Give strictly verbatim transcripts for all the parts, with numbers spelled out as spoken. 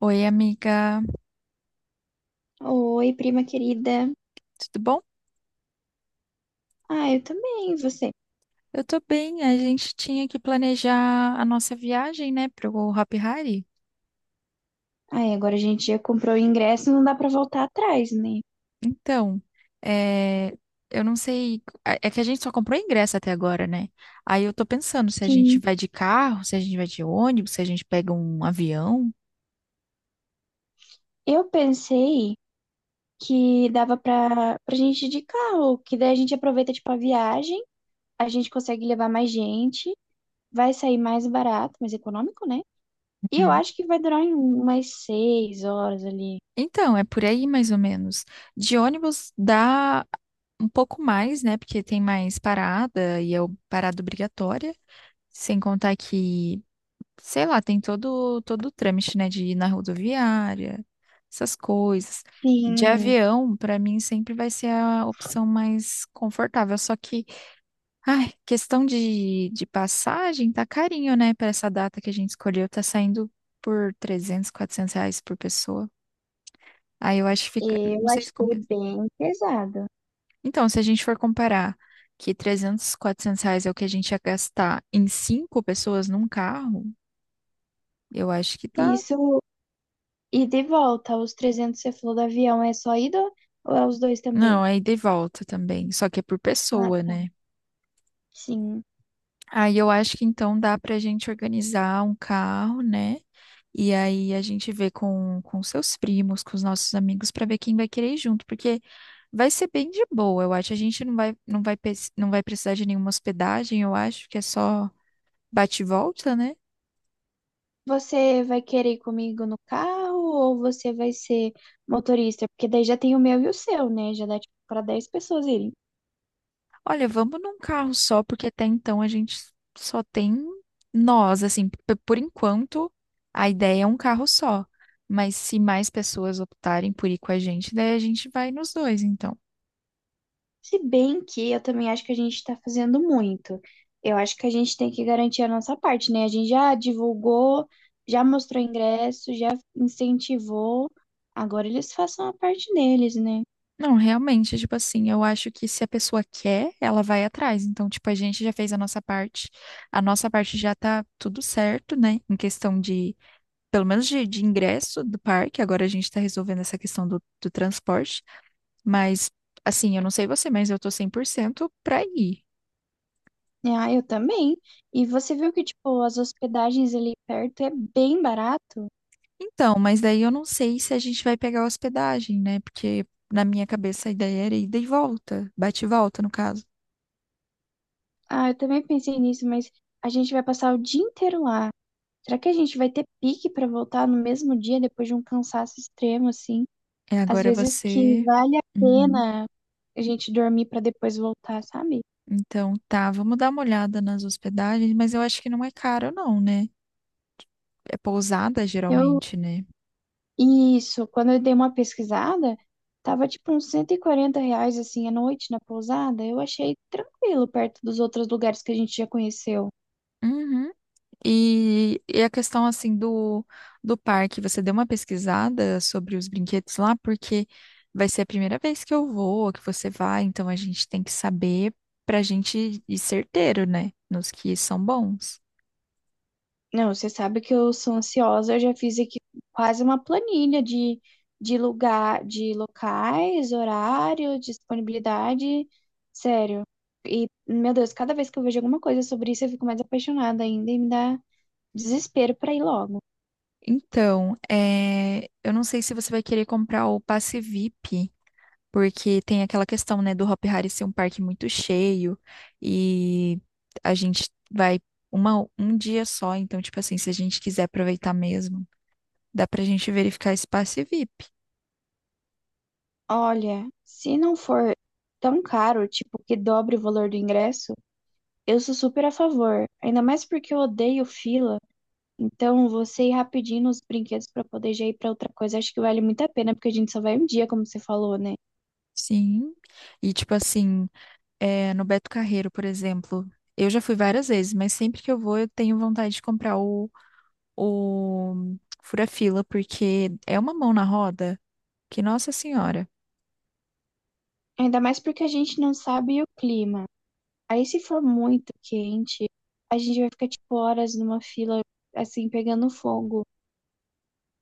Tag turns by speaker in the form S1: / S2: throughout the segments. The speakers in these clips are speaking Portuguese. S1: Oi, amiga,
S2: Oi, prima querida.
S1: tudo bom?
S2: Ah, eu também, e você?
S1: Eu tô bem. A gente tinha que planejar a nossa viagem, né, pro Hopi Hari.
S2: Ai, agora a gente já comprou o ingresso, não dá pra voltar atrás, né?
S1: Então, é, eu não sei. É é que a gente só comprou ingresso até agora, né? Aí eu tô pensando se a gente
S2: Sim.
S1: vai de carro, se a gente vai de ônibus, se a gente pega um avião.
S2: Eu pensei que dava pra, pra gente ir de carro, que daí a gente aproveita, tipo, a viagem, a gente consegue levar mais gente, vai sair mais barato, mais econômico, né? E eu
S1: Uhum.
S2: acho que vai durar um- umas seis horas ali.
S1: Então, é por aí mais ou menos. De ônibus dá um pouco mais, né? Porque tem mais parada e é o- parada obrigatória. Sem contar que sei lá, tem todo todo o trâmite, né, de ir na rodoviária, essas coisas. De
S2: Sim,
S1: avião, pra mim sempre vai ser a opção mais confortável, só que, ai, questão de, de passagem tá carinho, né? Pra essa data que a gente escolheu, tá saindo por trezentos, quatrocentos reais por pessoa. Aí eu acho que fica,
S2: eu
S1: não sei se
S2: achei
S1: compensa.
S2: bem pesado.
S1: Então, se a gente for comparar que trezentos, quatrocentos reais é o que a gente ia gastar em cinco pessoas num carro, eu acho que tá.
S2: Isso, e de volta, os trezentos que você falou do avião, é só ida ou é os dois também?
S1: Não, é ida e volta também, só que é por pessoa,
S2: Ah,
S1: né?
S2: sim.
S1: Aí eu acho que então dá pra gente organizar um carro, né? E aí a gente vê com, com seus primos, com os nossos amigos, pra ver quem vai querer ir junto, porque vai ser bem de boa, eu acho. A gente não vai, não vai, pe- não vai precisar de nenhuma hospedagem, eu acho, que é só bate e volta, né?
S2: Você vai querer ir comigo no carro ou você vai ser motorista? Porque daí já tem o meu e o seu, né? Já dá tipo para dez pessoas irem.
S1: Olha, vamos num carro só, porque até então a gente só tem nós, assim, p- por enquanto a ideia é um carro só. Mas se mais pessoas optarem por ir com a gente, daí a gente vai nos dois, então.
S2: Se bem que eu também acho que a gente tá fazendo muito. Eu acho que a gente tem que garantir a nossa parte, né? A gente já divulgou, já mostrou ingresso, já incentivou. Agora eles façam a parte deles, né?
S1: Não, realmente, tipo assim, eu acho que se a pessoa quer, ela vai atrás. Então, tipo, a gente já fez a nossa parte. A nossa parte já tá tudo certo, né? Em questão de, pelo menos de, de ingresso do parque. Agora a gente tá resolvendo essa questão do, do transporte. Mas, assim, eu não sei você, mas eu tô cem por cento pra ir.
S2: Ah, eu também. E você viu que, tipo, as hospedagens ali perto é bem barato?
S1: Então, mas daí eu não sei se a gente vai pegar hospedagem, né? Porque na minha cabeça a ideia era ida e volta, bate e volta, no caso.
S2: Ah, eu também pensei nisso, mas a gente vai passar o dia inteiro lá. Será que a gente vai ter pique pra voltar no mesmo dia depois de um cansaço extremo, assim?
S1: É,
S2: Às
S1: agora
S2: vezes que
S1: você.
S2: vale a
S1: Uhum.
S2: pena a gente dormir pra depois voltar, sabe?
S1: Então, tá, vamos dar uma olhada nas hospedagens, mas eu acho que não é caro, não, né? É pousada,
S2: Eu,
S1: geralmente, né?
S2: isso, quando eu dei uma pesquisada, tava tipo uns cento e quarenta reais, assim, a noite na pousada. Eu achei tranquilo perto dos outros lugares que a gente já conheceu.
S1: Uhum. E, e a questão assim do, do parque, você deu uma pesquisada sobre os brinquedos lá, porque vai ser a primeira vez que eu vou, que você vai, então a gente tem que saber pra gente ir certeiro, né? Nos que são bons.
S2: Não, você sabe que eu sou ansiosa, eu já fiz aqui quase uma planilha de, de, lugar, de locais, horário, disponibilidade. Sério. E, meu Deus, cada vez que eu vejo alguma coisa sobre isso, eu fico mais apaixonada ainda e me dá desespero pra ir logo.
S1: Então, é, eu não sei se você vai querer comprar o passe V I P, porque tem aquela questão, né, do Hop Hari ser um parque muito cheio e a gente vai uma, um dia só, então, tipo assim, se a gente quiser aproveitar mesmo. Dá pra gente verificar espaço e V I P.
S2: Olha, se não for tão caro, tipo, que dobre o valor do ingresso, eu sou super a favor. Ainda mais porque eu odeio fila. Então, você ir rapidinho nos brinquedos para poder já ir para outra coisa, acho que vale muito a pena, porque a gente só vai um dia, como você falou, né?
S1: Sim. E tipo assim, é, no Beto Carreiro, por exemplo, eu já fui várias vezes, mas sempre que eu vou, eu tenho vontade de comprar o, o fura-fila, porque é uma mão na roda que, nossa senhora.
S2: Ainda mais porque a gente não sabe o clima. Aí, se for muito quente, a gente vai ficar, tipo, horas numa fila, assim, pegando fogo.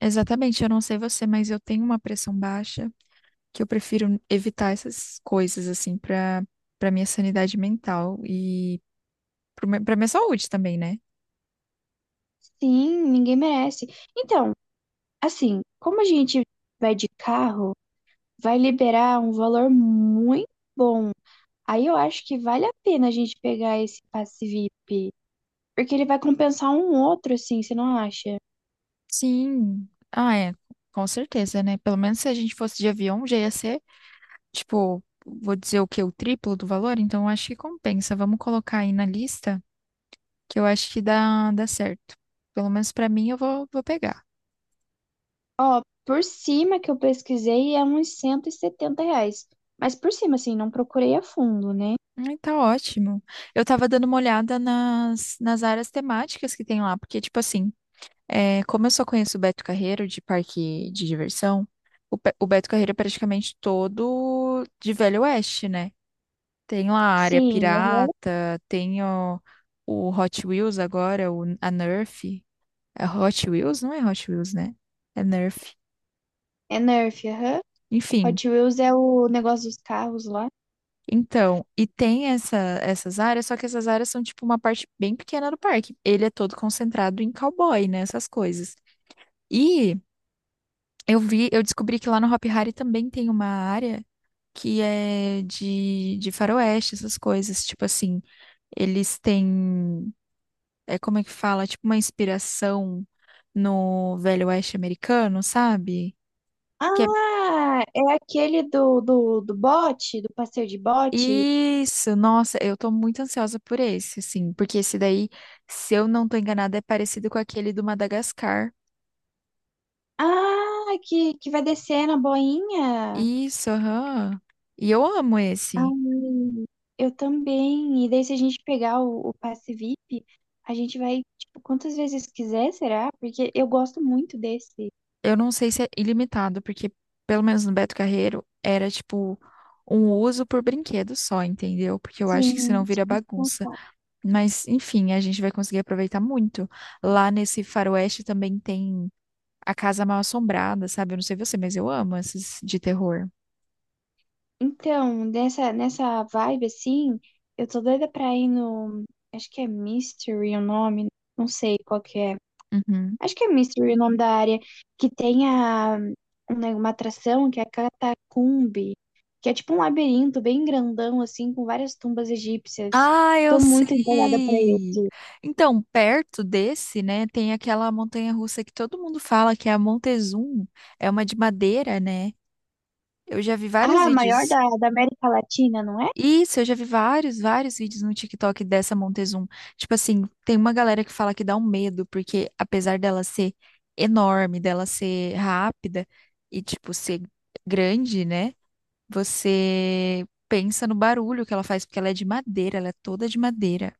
S1: Exatamente, eu não sei você, mas eu tenho uma pressão baixa que eu prefiro evitar essas coisas, assim, pra, pra minha sanidade mental e pro me- pra minha saúde também, né?
S2: Sim, ninguém merece. Então, assim, como a gente vai de carro, vai liberar um valor muito bom. Aí eu acho que vale a pena a gente pegar esse passe V I P, porque ele vai compensar um outro, assim, você não acha?
S1: Sim. Ah, é, com certeza, né? Pelo menos se a gente fosse de avião, já ia ser, tipo, vou dizer o quê? O triplo do valor? Então, eu acho que compensa. Vamos colocar aí na lista, que eu acho que dá, dá certo. Pelo menos pra mim, eu vou, vou pegar.
S2: Ó, por cima que eu pesquisei é uns cento e setenta reais. Mas por cima, assim, não procurei a fundo, né?
S1: Ai, tá ótimo. Eu tava dando uma olhada nas, nas áreas temáticas que tem lá, porque, tipo assim, é, como eu só conheço o Beto Carreiro de parque de diversão, o, Pe- o Beto Carreiro é praticamente todo de Velho Oeste, né? Tem lá a área
S2: Sim, aham.
S1: pirata, tem o, o Hot Wheels agora, o, a Nerf. É Hot Wheels? Não é Hot Wheels, né? É Nerf.
S2: É Nerf, aham.
S1: Enfim,
S2: Hot Wheels é o negócio dos carros lá.
S1: então, e tem essa, essas áreas, só que essas áreas são tipo uma parte bem pequena do parque. Ele é todo concentrado em cowboy, né? Essas coisas. E eu vi, eu descobri que lá no Hop Hari também tem uma área que é de, de faroeste, essas coisas. Tipo assim, eles têm. É como é que fala, é tipo uma inspiração no Velho Oeste americano, sabe? Que é
S2: Ah, é aquele do, do, do bote, do passeio de bote.
S1: isso, nossa, eu tô muito ansiosa por esse, assim, porque esse daí, se eu não tô enganada, é parecido com aquele do Madagascar.
S2: Ah, que, que vai descer na boinha.
S1: Isso, aham. E eu amo esse.
S2: Ai, eu também. E daí, se a gente pegar o, o passe V I P, a gente vai, tipo, quantas vezes quiser, será? Porque eu gosto muito desse.
S1: Eu não sei se é ilimitado, porque pelo menos no Beto Carreiro era tipo um uso por brinquedo só, entendeu? Porque eu acho que senão
S2: Sim,
S1: vira
S2: tipo.
S1: bagunça. Mas, enfim, a gente vai conseguir aproveitar muito. Lá nesse faroeste também tem a Casa Mal Assombrada, sabe? Eu não sei você, mas eu amo esses de terror.
S2: Então, nessa, nessa vibe assim, eu tô doida pra ir no. Acho que é Mystery o nome, não sei qual que é.
S1: Uhum.
S2: Acho que é Mystery o nome da área, que tem a, um uma atração que é a Catacumbi, que é tipo um labirinto bem grandão, assim, com várias tumbas egípcias.
S1: Ah, eu
S2: Tô muito empolgada pra
S1: sei!
S2: esse.
S1: Então, perto desse, né, tem aquela montanha-russa que todo mundo fala que é a Montezum. É uma de madeira, né? Eu já vi vários
S2: Ah, maior
S1: vídeos.
S2: da, da América Latina, não é?
S1: Isso, eu já vi vários, vários vídeos no TikTok dessa Montezum. Tipo assim, tem uma galera que fala que dá um medo, porque apesar dela ser enorme, dela ser rápida e, tipo, ser grande, né? Você pensa no barulho que ela faz, porque ela é de madeira, ela é toda de madeira.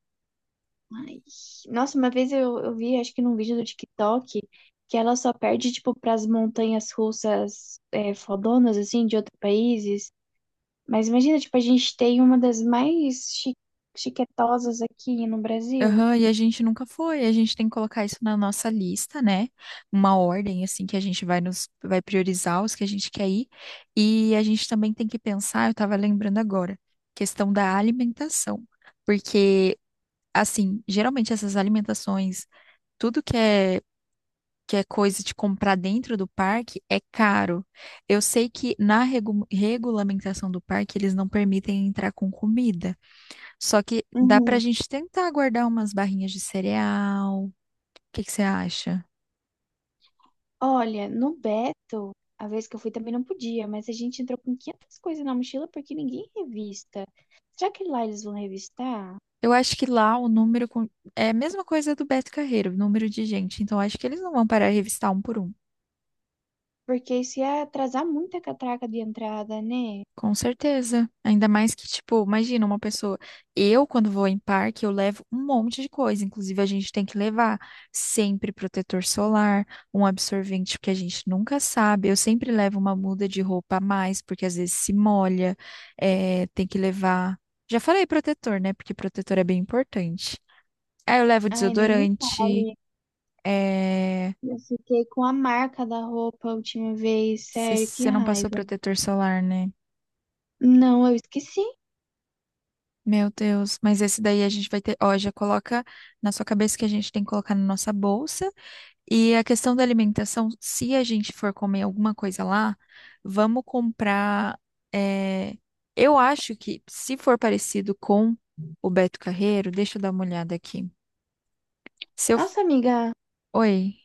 S2: Nossa, uma vez eu, eu vi, acho que num vídeo do TikTok, que ela só perde, tipo, pras montanhas russas é, fodonas, assim, de outros países. Mas imagina, tipo, a gente tem uma das mais chi chiquetosas aqui no Brasil.
S1: Aham, e a gente nunca foi, a gente tem que colocar isso na nossa lista, né? Uma ordem, assim, que a gente vai nos, vai priorizar os que a gente quer ir. E a gente também tem que pensar, eu tava lembrando agora, questão da alimentação. Porque, assim, geralmente essas alimentações, tudo que é, que é coisa de comprar dentro do parque é caro. Eu sei que na regu- regulamentação do parque eles não permitem entrar com comida. Só que dá pra
S2: Uhum.
S1: gente tentar guardar umas barrinhas de cereal. O que que você acha?
S2: Olha, no Beto, a vez que eu fui também não podia, mas a gente entrou com quinhentas coisas na mochila porque ninguém revista. Será que lá eles vão revistar?
S1: Eu acho que lá o número com- é a mesma coisa do Beto Carreiro, o número de gente. Então acho que eles não vão parar de revistar um por um.
S2: Porque isso ia atrasar muito a catraca de entrada, né?
S1: Com certeza. Ainda mais que, tipo, imagina uma pessoa. Eu, quando vou em parque, eu levo um monte de coisa. Inclusive, a gente tem que levar sempre protetor solar, um absorvente, porque a gente nunca sabe. Eu sempre levo uma muda de roupa a mais, porque às vezes se molha. É, tem que levar. Já falei protetor, né? Porque protetor é bem importante. Aí eu levo
S2: Ai, nem me
S1: desodorante.
S2: fale.
S1: É...
S2: Eu fiquei com a marca da roupa a última vez, sério,
S1: Você
S2: que
S1: não passou
S2: raiva.
S1: protetor solar, né?
S2: Não, eu esqueci.
S1: Meu Deus, mas esse daí a gente vai ter, ó, já coloca na sua cabeça que a gente tem que colocar na nossa bolsa. E a questão da alimentação, se a gente for comer alguma coisa lá, vamos comprar. é, Eu acho que se for parecido com o Beto Carreiro, deixa eu dar uma olhada aqui. Se eu... f-
S2: Nossa, amiga,
S1: Oi.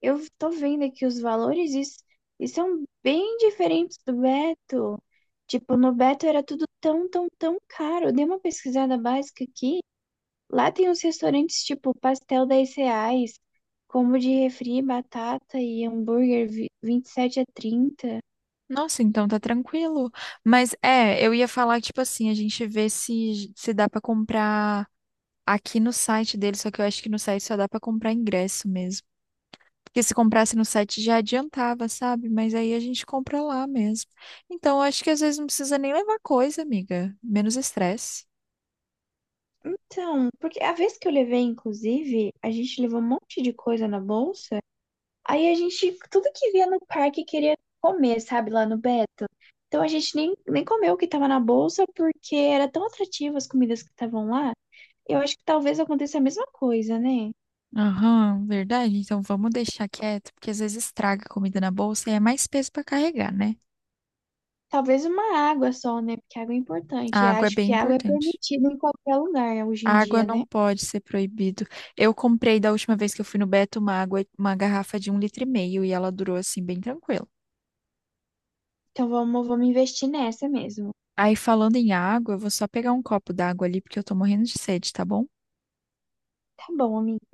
S2: eu tô vendo aqui os valores e, s- e são bem diferentes do Beto. Tipo, no Beto era tudo tão, tão, tão caro. Eu dei uma pesquisada básica aqui. Lá tem uns restaurantes tipo pastel dez reais, combo de refri, batata e hambúrguer vi- vinte e sete a trinta.
S1: Nossa, então tá tranquilo. Mas é, eu ia falar, tipo assim, a gente vê se, se dá pra comprar aqui no site dele, só que eu acho que no site só dá pra comprar ingresso mesmo. Porque se comprasse no site já adiantava, sabe? Mas aí a gente compra lá mesmo. Então, eu acho que às vezes não precisa nem levar coisa, amiga. Menos estresse.
S2: Então, porque a vez que eu levei, inclusive, a gente levou um monte de coisa na bolsa. Aí a gente, tudo que via no parque queria comer, sabe, lá no Beto. Então a gente nem, nem comeu o que tava na bolsa porque era tão atrativo as comidas que estavam lá. Eu acho que talvez aconteça a mesma coisa, né?
S1: Aham, verdade. Então vamos deixar quieto, porque às vezes estraga a comida na bolsa e é mais peso para carregar, né?
S2: Talvez uma água só, né? Porque água é
S1: A
S2: importante. E
S1: água é
S2: acho
S1: bem
S2: que água é
S1: importante.
S2: permitida em qualquer lugar hoje
S1: A
S2: em
S1: água
S2: dia, né?
S1: não pode ser proibido. Eu comprei da última vez que eu fui no Beto uma água, uma garrafa de um litro e meio e ela durou assim bem tranquilo.
S2: Então vamos, vamos investir nessa mesmo.
S1: Aí falando em água, eu vou só pegar um copo d'água ali porque eu tô morrendo de sede, tá bom?
S2: Tá bom, amiga.